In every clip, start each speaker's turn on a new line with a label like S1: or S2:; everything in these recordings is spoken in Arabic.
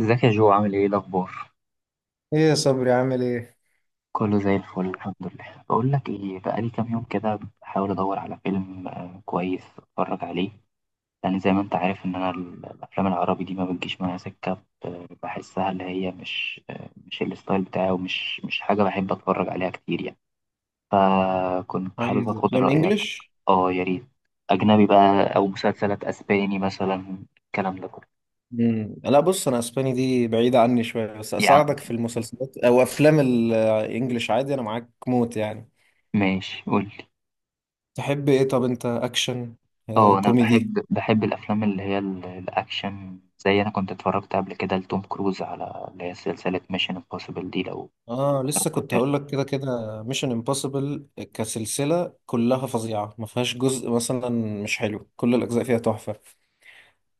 S1: ازيك يا جو، عامل ايه؟ إيه الاخبار؟
S2: ايه يا صبري عامل ايه؟
S1: كله زي الفل، الحمد لله. بقول لك ايه، بقالي كام يوم كده بحاول ادور على فيلم كويس اتفرج عليه. لان زي ما انت عارف ان انا الافلام العربي دي ما بتجيش معايا سكه، بحسها اللي هي مش مش الستايل بتاعي، ومش مش حاجه بحب اتفرج عليها كتير يعني. فكنت حابب
S2: عايز
S1: اخد
S2: افلام
S1: رايك.
S2: انجلش.
S1: اه، يا ريت. اجنبي بقى، او مسلسلات اسباني مثلا، الكلام ده كله.
S2: لا بص، انا اسباني دي بعيدة عني شوية، بس
S1: يا عم،
S2: اساعدك في المسلسلات او افلام الانجليش عادي، انا معاك موت يعني.
S1: ماشي قول.
S2: تحب ايه؟ طب انت اكشن،
S1: اه انا
S2: كوميدي؟
S1: بحب الافلام اللي هي الاكشن، زي انا كنت اتفرجت قبل كده لتوم كروز على اللي هي سلسله ميشن امبوسيبل دي، لو
S2: اه
S1: لو
S2: لسه كنت
S1: فاكر.
S2: هقول لك كده كده ميشن امبوسيبل كسلسلة كلها فظيعة، ما فيهاش جزء مثلا مش حلو، كل الاجزاء فيها تحفة.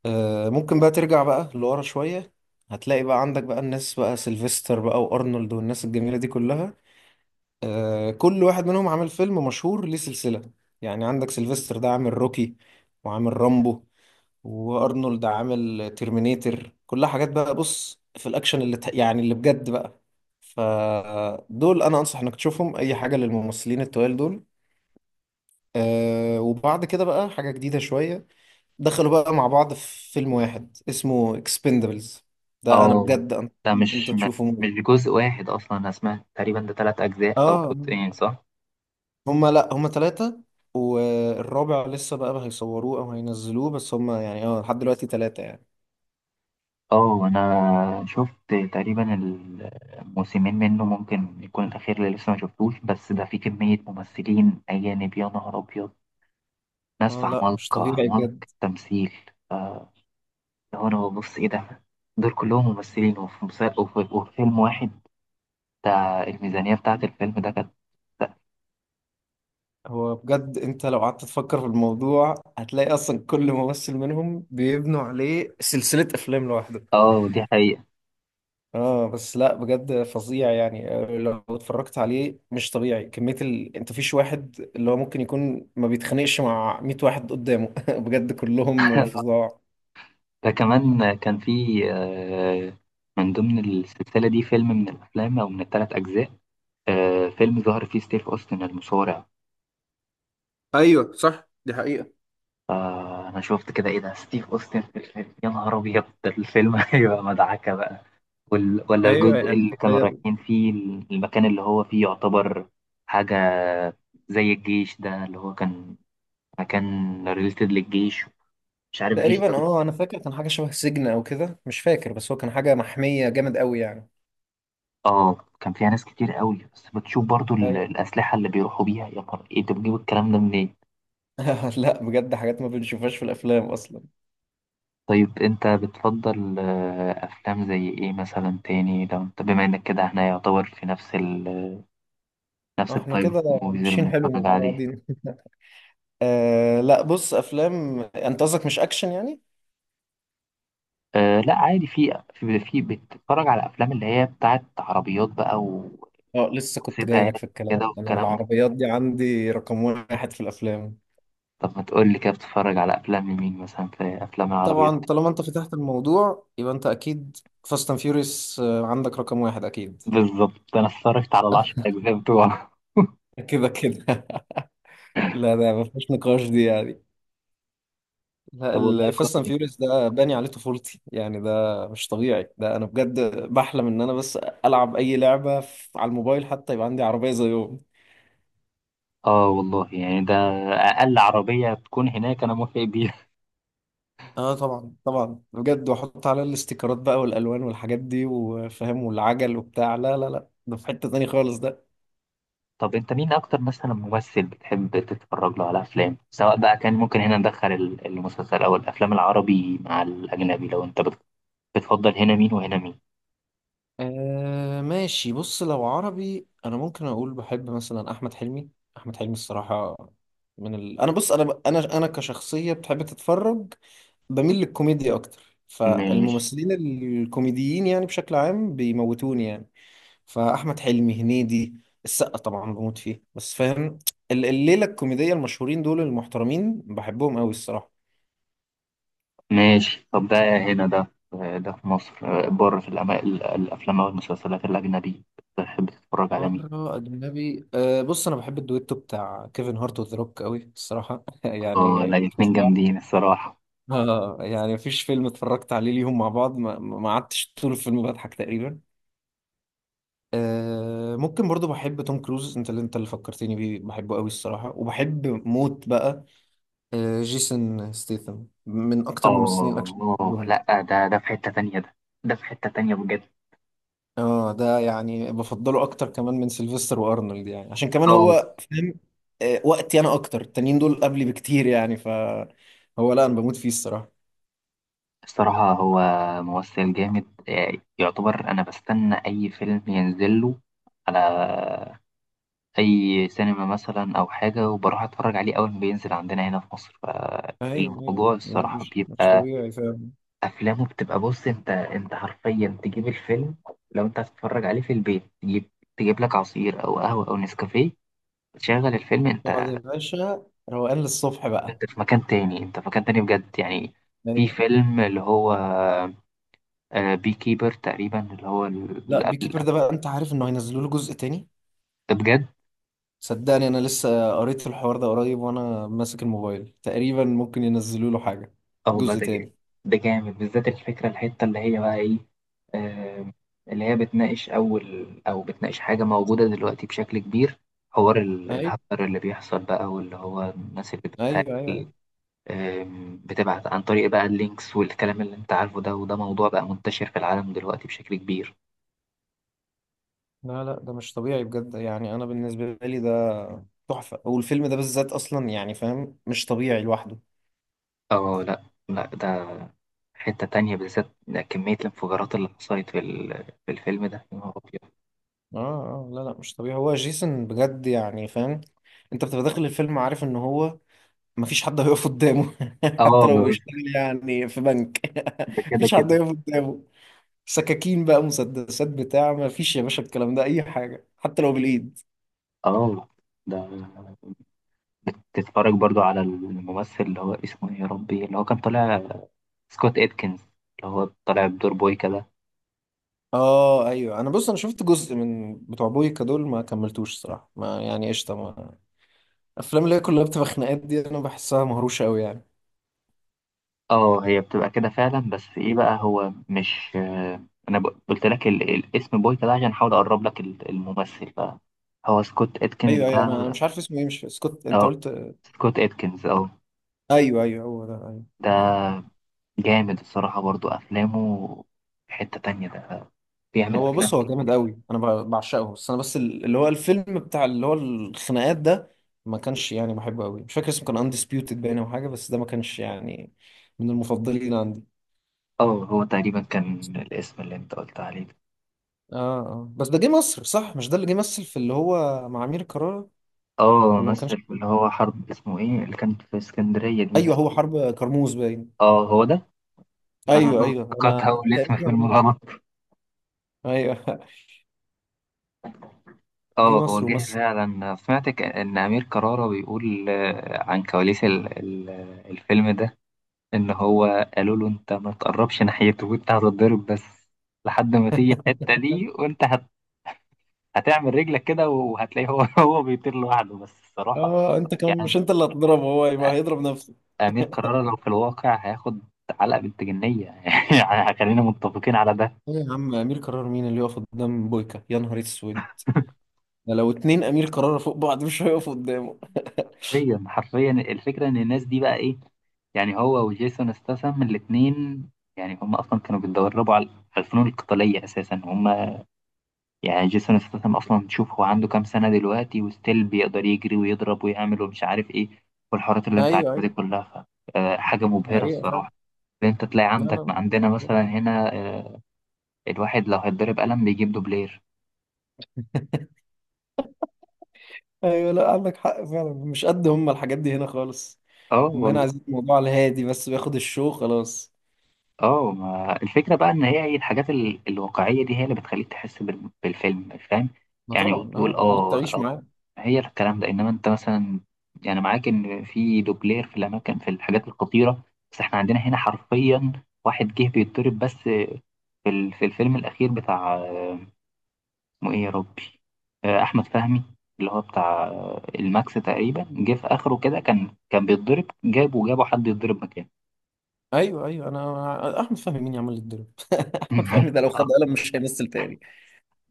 S2: آه ممكن بقى ترجع بقى لورا شوية، هتلاقي بقى عندك بقى الناس بقى سيلفستر بقى وارنولد والناس الجميلة دي كلها. كل واحد منهم عامل فيلم مشهور ليه سلسلة، يعني عندك سيلفستر ده عامل روكي وعامل رامبو، وارنولد عامل ترمينيتر، كلها حاجات بقى. بص في الاكشن يعني اللي بجد بقى، فدول انا انصح انك تشوفهم، اي حاجة للممثلين التوال دول. أه وبعد كده بقى حاجة جديدة شوية، دخلوا بقى مع بعض في فيلم واحد اسمه اكسبندبلز، ده انا
S1: اه،
S2: بجد، انت
S1: ده
S2: انت
S1: مش
S2: تشوفه.
S1: جزء واحد اصلا. انا سمعت تقريبا ده ثلاث اجزاء او
S2: اه،
S1: جزئين، صح؟
S2: هما لا هما ثلاثة، والرابع لسه بقى هيصوروه أو هينزلوه، بس هما يعني اه لحد دلوقتي ثلاثة يعني.
S1: اه انا شفت تقريبا الموسمين منه، ممكن يكون الاخير اللي لسه ما شفتوش. بس ده فيه كميه ممثلين اجانب، يا نهار ابيض. ناس
S2: اه لا مش
S1: عمالقه
S2: طبيعي بجد.
S1: عمالقه تمثيل. آه، لو انا ببص ايه ده، دول كلهم ممثلين وفي مسلسل وفي فيلم واحد. بتاع الميزانية بتاعة الفيلم ده كانت.
S2: هو بجد انت لو قعدت تفكر في الموضوع هتلاقي اصلا كل ممثل منهم بيبنوا عليه سلسلة افلام لوحده.
S1: اه دي حقيقة.
S2: اه بس لا بجد فظيع يعني، لو اتفرجت عليه مش طبيعي كمية ال... انت فيش واحد اللي هو ممكن يكون ما بيتخانقش مع 100 واحد قدامه بجد كلهم فظاع.
S1: ده كمان كان في آه، من ضمن السلسلة دي فيلم من الأفلام أو من الثلاث أجزاء، فيلم ظهر فيه ستيف أوستن المصارع.
S2: ايوه صح دي حقيقة.
S1: فأنا شفت كده، إيه ده ستيف أوستن في الفيلم؟ يا نهار أبيض، ده الفيلم هيبقى مدعكة بقى. ولا
S2: ايوه
S1: الجزء
S2: يعني.
S1: اللي كانوا رايحين فيه المكان اللي هو فيه يعتبر حاجة زي الجيش ده اللي هو كان. فكان ريليتد للجيش، مش عارف جيش ده.
S2: تقريبا، اه انا فاكر كان حاجه شبه سجن او كده، مش فاكر، بس هو كان حاجه محميه جامد قوي يعني.
S1: اه كان فيها ناس كتير قوي. بس بتشوف برضو
S2: ايوه.
S1: الأسلحة اللي بيروحوا بيها، يا نهار! ايه انت بتجيب الكلام ده منين؟
S2: لا بجد حاجات ما بنشوفهاش في الافلام اصلا.
S1: طيب انت بتفضل افلام زي ايه مثلا تاني، لو انت بما انك كده احنا يعتبر في نفس
S2: احنا
S1: التايب
S2: كده
S1: موفيز اللي
S2: ماشيين حلو
S1: بنتفرج
S2: مع
S1: عليه.
S2: بعضين آه لا بص، افلام انت قصدك مش اكشن يعني.
S1: أه لا عادي، في بتتفرج على افلام اللي هي بتاعت عربيات بقى،
S2: اه لسه كنت جاي
S1: وسباقات
S2: لك في الكلام،
S1: كده
S2: انا
S1: والكلام ده.
S2: العربيات دي عندي رقم واحد في الافلام.
S1: طب ما تقول لي كده، بتتفرج على افلام مين مثلا في افلام العربيات؟
S2: طبعا طالما انت فتحت الموضوع يبقى انت اكيد فاست اند فيوريوس عندك رقم واحد اكيد.
S1: بالظبط، انا اتفرجت على ال10 اجزاء بتوعه
S2: كده كده لا ده ما فيش نقاش دي يعني، لا
S1: طب والله
S2: الفاست اند
S1: كويس.
S2: فيوريوس ده باني عليه طفولتي يعني، ده مش طبيعي، ده انا بجد بحلم ان انا بس العب اي لعبه على الموبايل حتى يبقى عندي عربيه زيهم.
S1: اه والله يعني، ده اقل عربيه تكون هناك انا موافق بيها.
S2: اه طبعا طبعا بجد، واحط عليها الاستيكرات بقى والالوان والحاجات دي وفاهم والعجل وبتاع، لا لا لا، ده في حته تاني خالص ده.
S1: طب، انت مين اكتر مثلا ممثل بتحب تتفرج له على افلام، سواء بقى كان ممكن هنا ندخل المسلسل او الافلام العربي مع الاجنبي؟ لو انت بتفضل هنا مين وهنا مين؟
S2: آه ماشي بص، لو عربي انا ممكن اقول بحب مثلا احمد حلمي. احمد حلمي الصراحه، من ال... انا بص انا كشخصيه بتحب تتفرج، بميل للكوميديا اكتر،
S1: ماشي.
S2: فالممثلين الكوميديين يعني بشكل عام بيموتوني يعني. فاحمد حلمي، هنيدي، السقا طبعا بموت فيه، بس فاهم الليله الكوميديه المشهورين دول المحترمين بحبهم قوي الصراحه.
S1: ماشي، طب ده هنا ده، ده في مصر. بره في الافلام او المسلسلات الاجنبي بتحب تتفرج على مين؟
S2: بره اجنبي، أه بص، انا بحب الدويتو بتاع كيفن هارت وذا روك قوي الصراحه
S1: اه
S2: يعني
S1: لا، الاتنين
S2: فظيع.
S1: جامدين الصراحه.
S2: اه يعني مفيش فيلم اتفرجت عليه ليهم مع بعض ما قعدتش طول الفيلم بضحك تقريبا. آه ممكن برضو بحب توم كروز، انت اللي فكرتني بيه، بحبه قوي الصراحة وبحب موت بقى. آه جيسون ستيثم من اكتر ممثلين الاكشن اللي
S1: اه
S2: بحبهم.
S1: لا، ده في حتة تانية. ده ده في حتة تانية بجد.
S2: اه ده يعني بفضله اكتر كمان من سيلفستر وارنولد يعني، عشان كمان
S1: اه
S2: هو فاهم وقتي، انا اكتر، التانيين دول قبلي بكتير يعني، ف هو لا انا بموت فيه الصراحة.
S1: الصراحة هو ممثل جامد، يعتبر. أنا بستنى أي فيلم ينزل له على أي سينما مثلا أو حاجة، وبروح أتفرج عليه أول ما بينزل عندنا هنا في مصر.
S2: ايوه ايوه،
S1: فالموضوع
S2: لا،
S1: الصراحة
S2: مش
S1: بيبقى
S2: طبيعي فاهم.
S1: أفلامه بتبقى، بص أنت حرفيا تجيب الفيلم. لو أنت هتتفرج عليه في البيت، تجيب لك عصير أو قهوة أو نسكافيه، تشغل الفيلم أنت.
S2: طبعا يا باشا، روقان للصبح بقى.
S1: انت في مكان تاني، انت في مكان تاني بجد يعني. في
S2: ايوه،
S1: فيلم اللي هو بي كيبر تقريبا اللي هو اللي
S2: لا
S1: قبل
S2: بيكيبر
S1: ده.
S2: ده بقى انت عارف انه هينزلوا له جزء تاني،
S1: بجد.
S2: صدقني انا لسه قريت الحوار ده قريب وانا ماسك الموبايل، تقريبا ممكن ينزلوا له حاجه
S1: اه والله،
S2: جزء
S1: ده جامد.
S2: تاني.
S1: ده جامد بالذات، الفكرة الحتة اللي هي بقى ايه، آه، اللي هي بتناقش اول او بتناقش حاجة موجودة دلوقتي بشكل كبير. حوار
S2: ايوه
S1: الهاكر اللي بيحصل بقى، واللي هو الناس اللي
S2: ايوه ايوه.
S1: بتهاكل،
S2: ايوه،
S1: بتبعت عن طريق بقى اللينكس والكلام اللي انت عارفه ده. وده موضوع بقى منتشر في العالم دلوقتي بشكل كبير.
S2: لا لا، ده مش طبيعي بجد يعني، انا بالنسبه لي ده تحفه، والفيلم ده بالذات اصلا يعني فاهم مش طبيعي لوحده.
S1: اه لا لا، ده حتة تانية بالذات. ده كمية الانفجارات اللي حصلت في الفيلم ده، يا نهار أبيض.
S2: اه اه لا لا مش طبيعي، هو جيسون بجد يعني فاهم، انت بتبقى داخل الفيلم عارف ان هو مفيش حد هيقف قدامه حتى لو
S1: اه
S2: بيشتغل يعني في بنك
S1: ده كده
S2: مفيش حد
S1: كده.
S2: هيقف قدامه. سكاكين بقى مسدسات بتاع، ما فيش يا باشا الكلام ده اي حاجه حتى لو بالايد.
S1: اه ده بتتفرج برضو على الممثل اللي هو اسمه ايه يا ربي، اللي هو كان طالع سكوت اتكنز، اللي هو طالع بدور بوي كده.
S2: اه ايوه، انا بص انا شفت جزء من بتوع بويكا دول ما كملتوش الصراحه، ما يعني قشطه، ما الافلام اللي هي كلها بتبقى خناقات دي انا بحسها مهروشه قوي يعني.
S1: اه هي بتبقى كده فعلا. بس ايه بقى، هو مش انا قلت لك الاسم بوي كده عشان احاول اقرب لك الممثل بقى. هو سكوت اتكنز
S2: ايوه ايوه، انا
S1: ده.
S2: مش عارف اسمه ايه، مش سكوت انت
S1: اه،
S2: قلت؟
S1: سكوت اتكنز. اه
S2: ايوه ايوه هو ده ايوه.
S1: ده جامد الصراحة برضو أفلامه، في حتة تانية ده، بيعمل
S2: هو
S1: أفلام
S2: بص هو
S1: كده.
S2: جامد قوي، انا بعشقه، بس انا بس اللي هو الفيلم بتاع اللي هو الخناقات ده ما كانش يعني بحبه قوي، مش فاكر اسمه كان اندسبيوتد باين او حاجه، بس ده ما كانش يعني من المفضلين عندي.
S1: اه هو تقريبا كان الاسم اللي انت قلت عليه ده.
S2: اه اه بس ده جه مصر صح، مش ده اللي جه مثل في اللي هو مع امير كرارة؟
S1: اه،
S2: ولا ما كانش؟
S1: مثل في اللي هو حرب اسمه ايه اللي كانت في اسكندرية دي،
S2: ايوه
S1: ناس.
S2: هو حرب كرموز باين.
S1: اه هو ده. انا
S2: ايوه ايوه
S1: افتكرت
S2: انا،
S1: اول اسم فيلم
S2: تقريبا،
S1: غلط.
S2: ايوه جه
S1: اه، هو
S2: مصر
S1: جه
S2: ومثل.
S1: فعلا. سمعت ان امير كرارة بيقول عن كواليس الفيلم ده، ان هو قالوا له انت ما تقربش ناحيته وانت هتتضرب. بس لحد ما تيجي الحتة دي وانت هتعمل رجلك كده، وهتلاقيه هو هو بيطير لوحده بس الصراحة.
S2: اه انت كمان
S1: يعني
S2: مش انت اللي هتضربه، هو يبقى هيضرب نفسه.
S1: أمير كرارة لو في الواقع هياخد علقة بنت جنية يعني خلينا متفقين على ده.
S2: ايه يا عم امير كرارة مين اللي يقف قدام بويكا يا نهار اسود؟ ده لو اتنين امير كرارة فوق بعض مش هيقفوا قدامه.
S1: حرفيا حرفيا، الفكرة إن الناس دي بقى إيه يعني. هو وجيسون استاثام الاتنين، يعني هم أصلا كانوا بيتدربوا على الفنون القتالية أساسا هم. يعني جيسون استاثام أصلا، تشوف هو عنده كام سنة دلوقتي وستيل بيقدر يجري ويضرب ويعمل ومش عارف إيه، والحوارات اللي أنت
S2: ايوه
S1: عارفها
S2: ايوه
S1: دي كلها، حاجة
S2: دي
S1: مبهرة
S2: حقيقة فعلا.
S1: الصراحة. إن انت تلاقي
S2: لا
S1: عندك، ما
S2: لا
S1: عندنا
S2: لا.
S1: مثلا هنا الواحد لو هيتضرب قلم بيجيب دوبلير.
S2: ايوه لا عندك حق فعلا، مش قد هم الحاجات دي هنا خالص،
S1: اه
S2: هم هنا
S1: والله.
S2: عايزين الموضوع على الهادي بس بياخد الشو خلاص.
S1: اه ما الفكره بقى ان هي الحاجات الواقعيه دي هي اللي بتخليك تحس بالفيلم، فاهم.
S2: ما
S1: يعني
S2: طبعا اه
S1: وتقول
S2: بتخليك
S1: اه،
S2: تعيش معاه.
S1: هي الكلام ده. انما انت مثلا يعني، معاك ان في دوبلير في الاماكن، في الحاجات الخطيره. بس احنا عندنا هنا حرفيا واحد جه بيتضرب، بس في في الفيلم الاخير بتاع اسمه ايه يا ربي، احمد فهمي، اللي هو بتاع الماكس تقريبا. جه في اخره كده، كان بيتضرب، جابه حد يتضرب مكانه.
S2: ايوه ايوه، انا احمد فهمي مين يعمل لي الدور؟ احمد فهمي ده لو خد
S1: آه،
S2: قلم مش هيمثل تاني.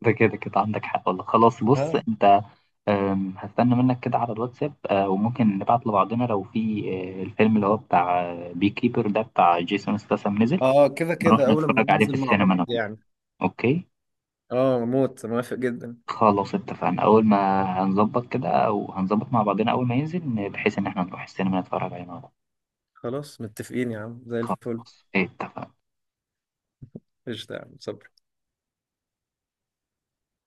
S1: ده كده كده عندك حق والله. خلاص بص
S2: اه
S1: انت، هستنى منك كده على الواتساب، وممكن نبعت لبعضنا لو في الفيلم اللي هو بتاع بي كيبر ده بتاع جيسون ستاثام نزل،
S2: اه كده
S1: نروح
S2: كده اول لما
S1: نتفرج عليه في
S2: ينزل مع
S1: السينما
S2: بعض
S1: انا وأنت.
S2: يعني.
S1: اوكي.
S2: اه موت موافق جدا.
S1: خلاص اتفقنا، اول ما هنظبط كده او هنظبط مع بعضنا اول ما ينزل، بحيث ان احنا نروح السينما نتفرج عليه مع بعض.
S2: خلاص متفقين يا عم زي الفل.
S1: خلاص، إيه، اتفقنا.
S2: قشطة يا عم صباح.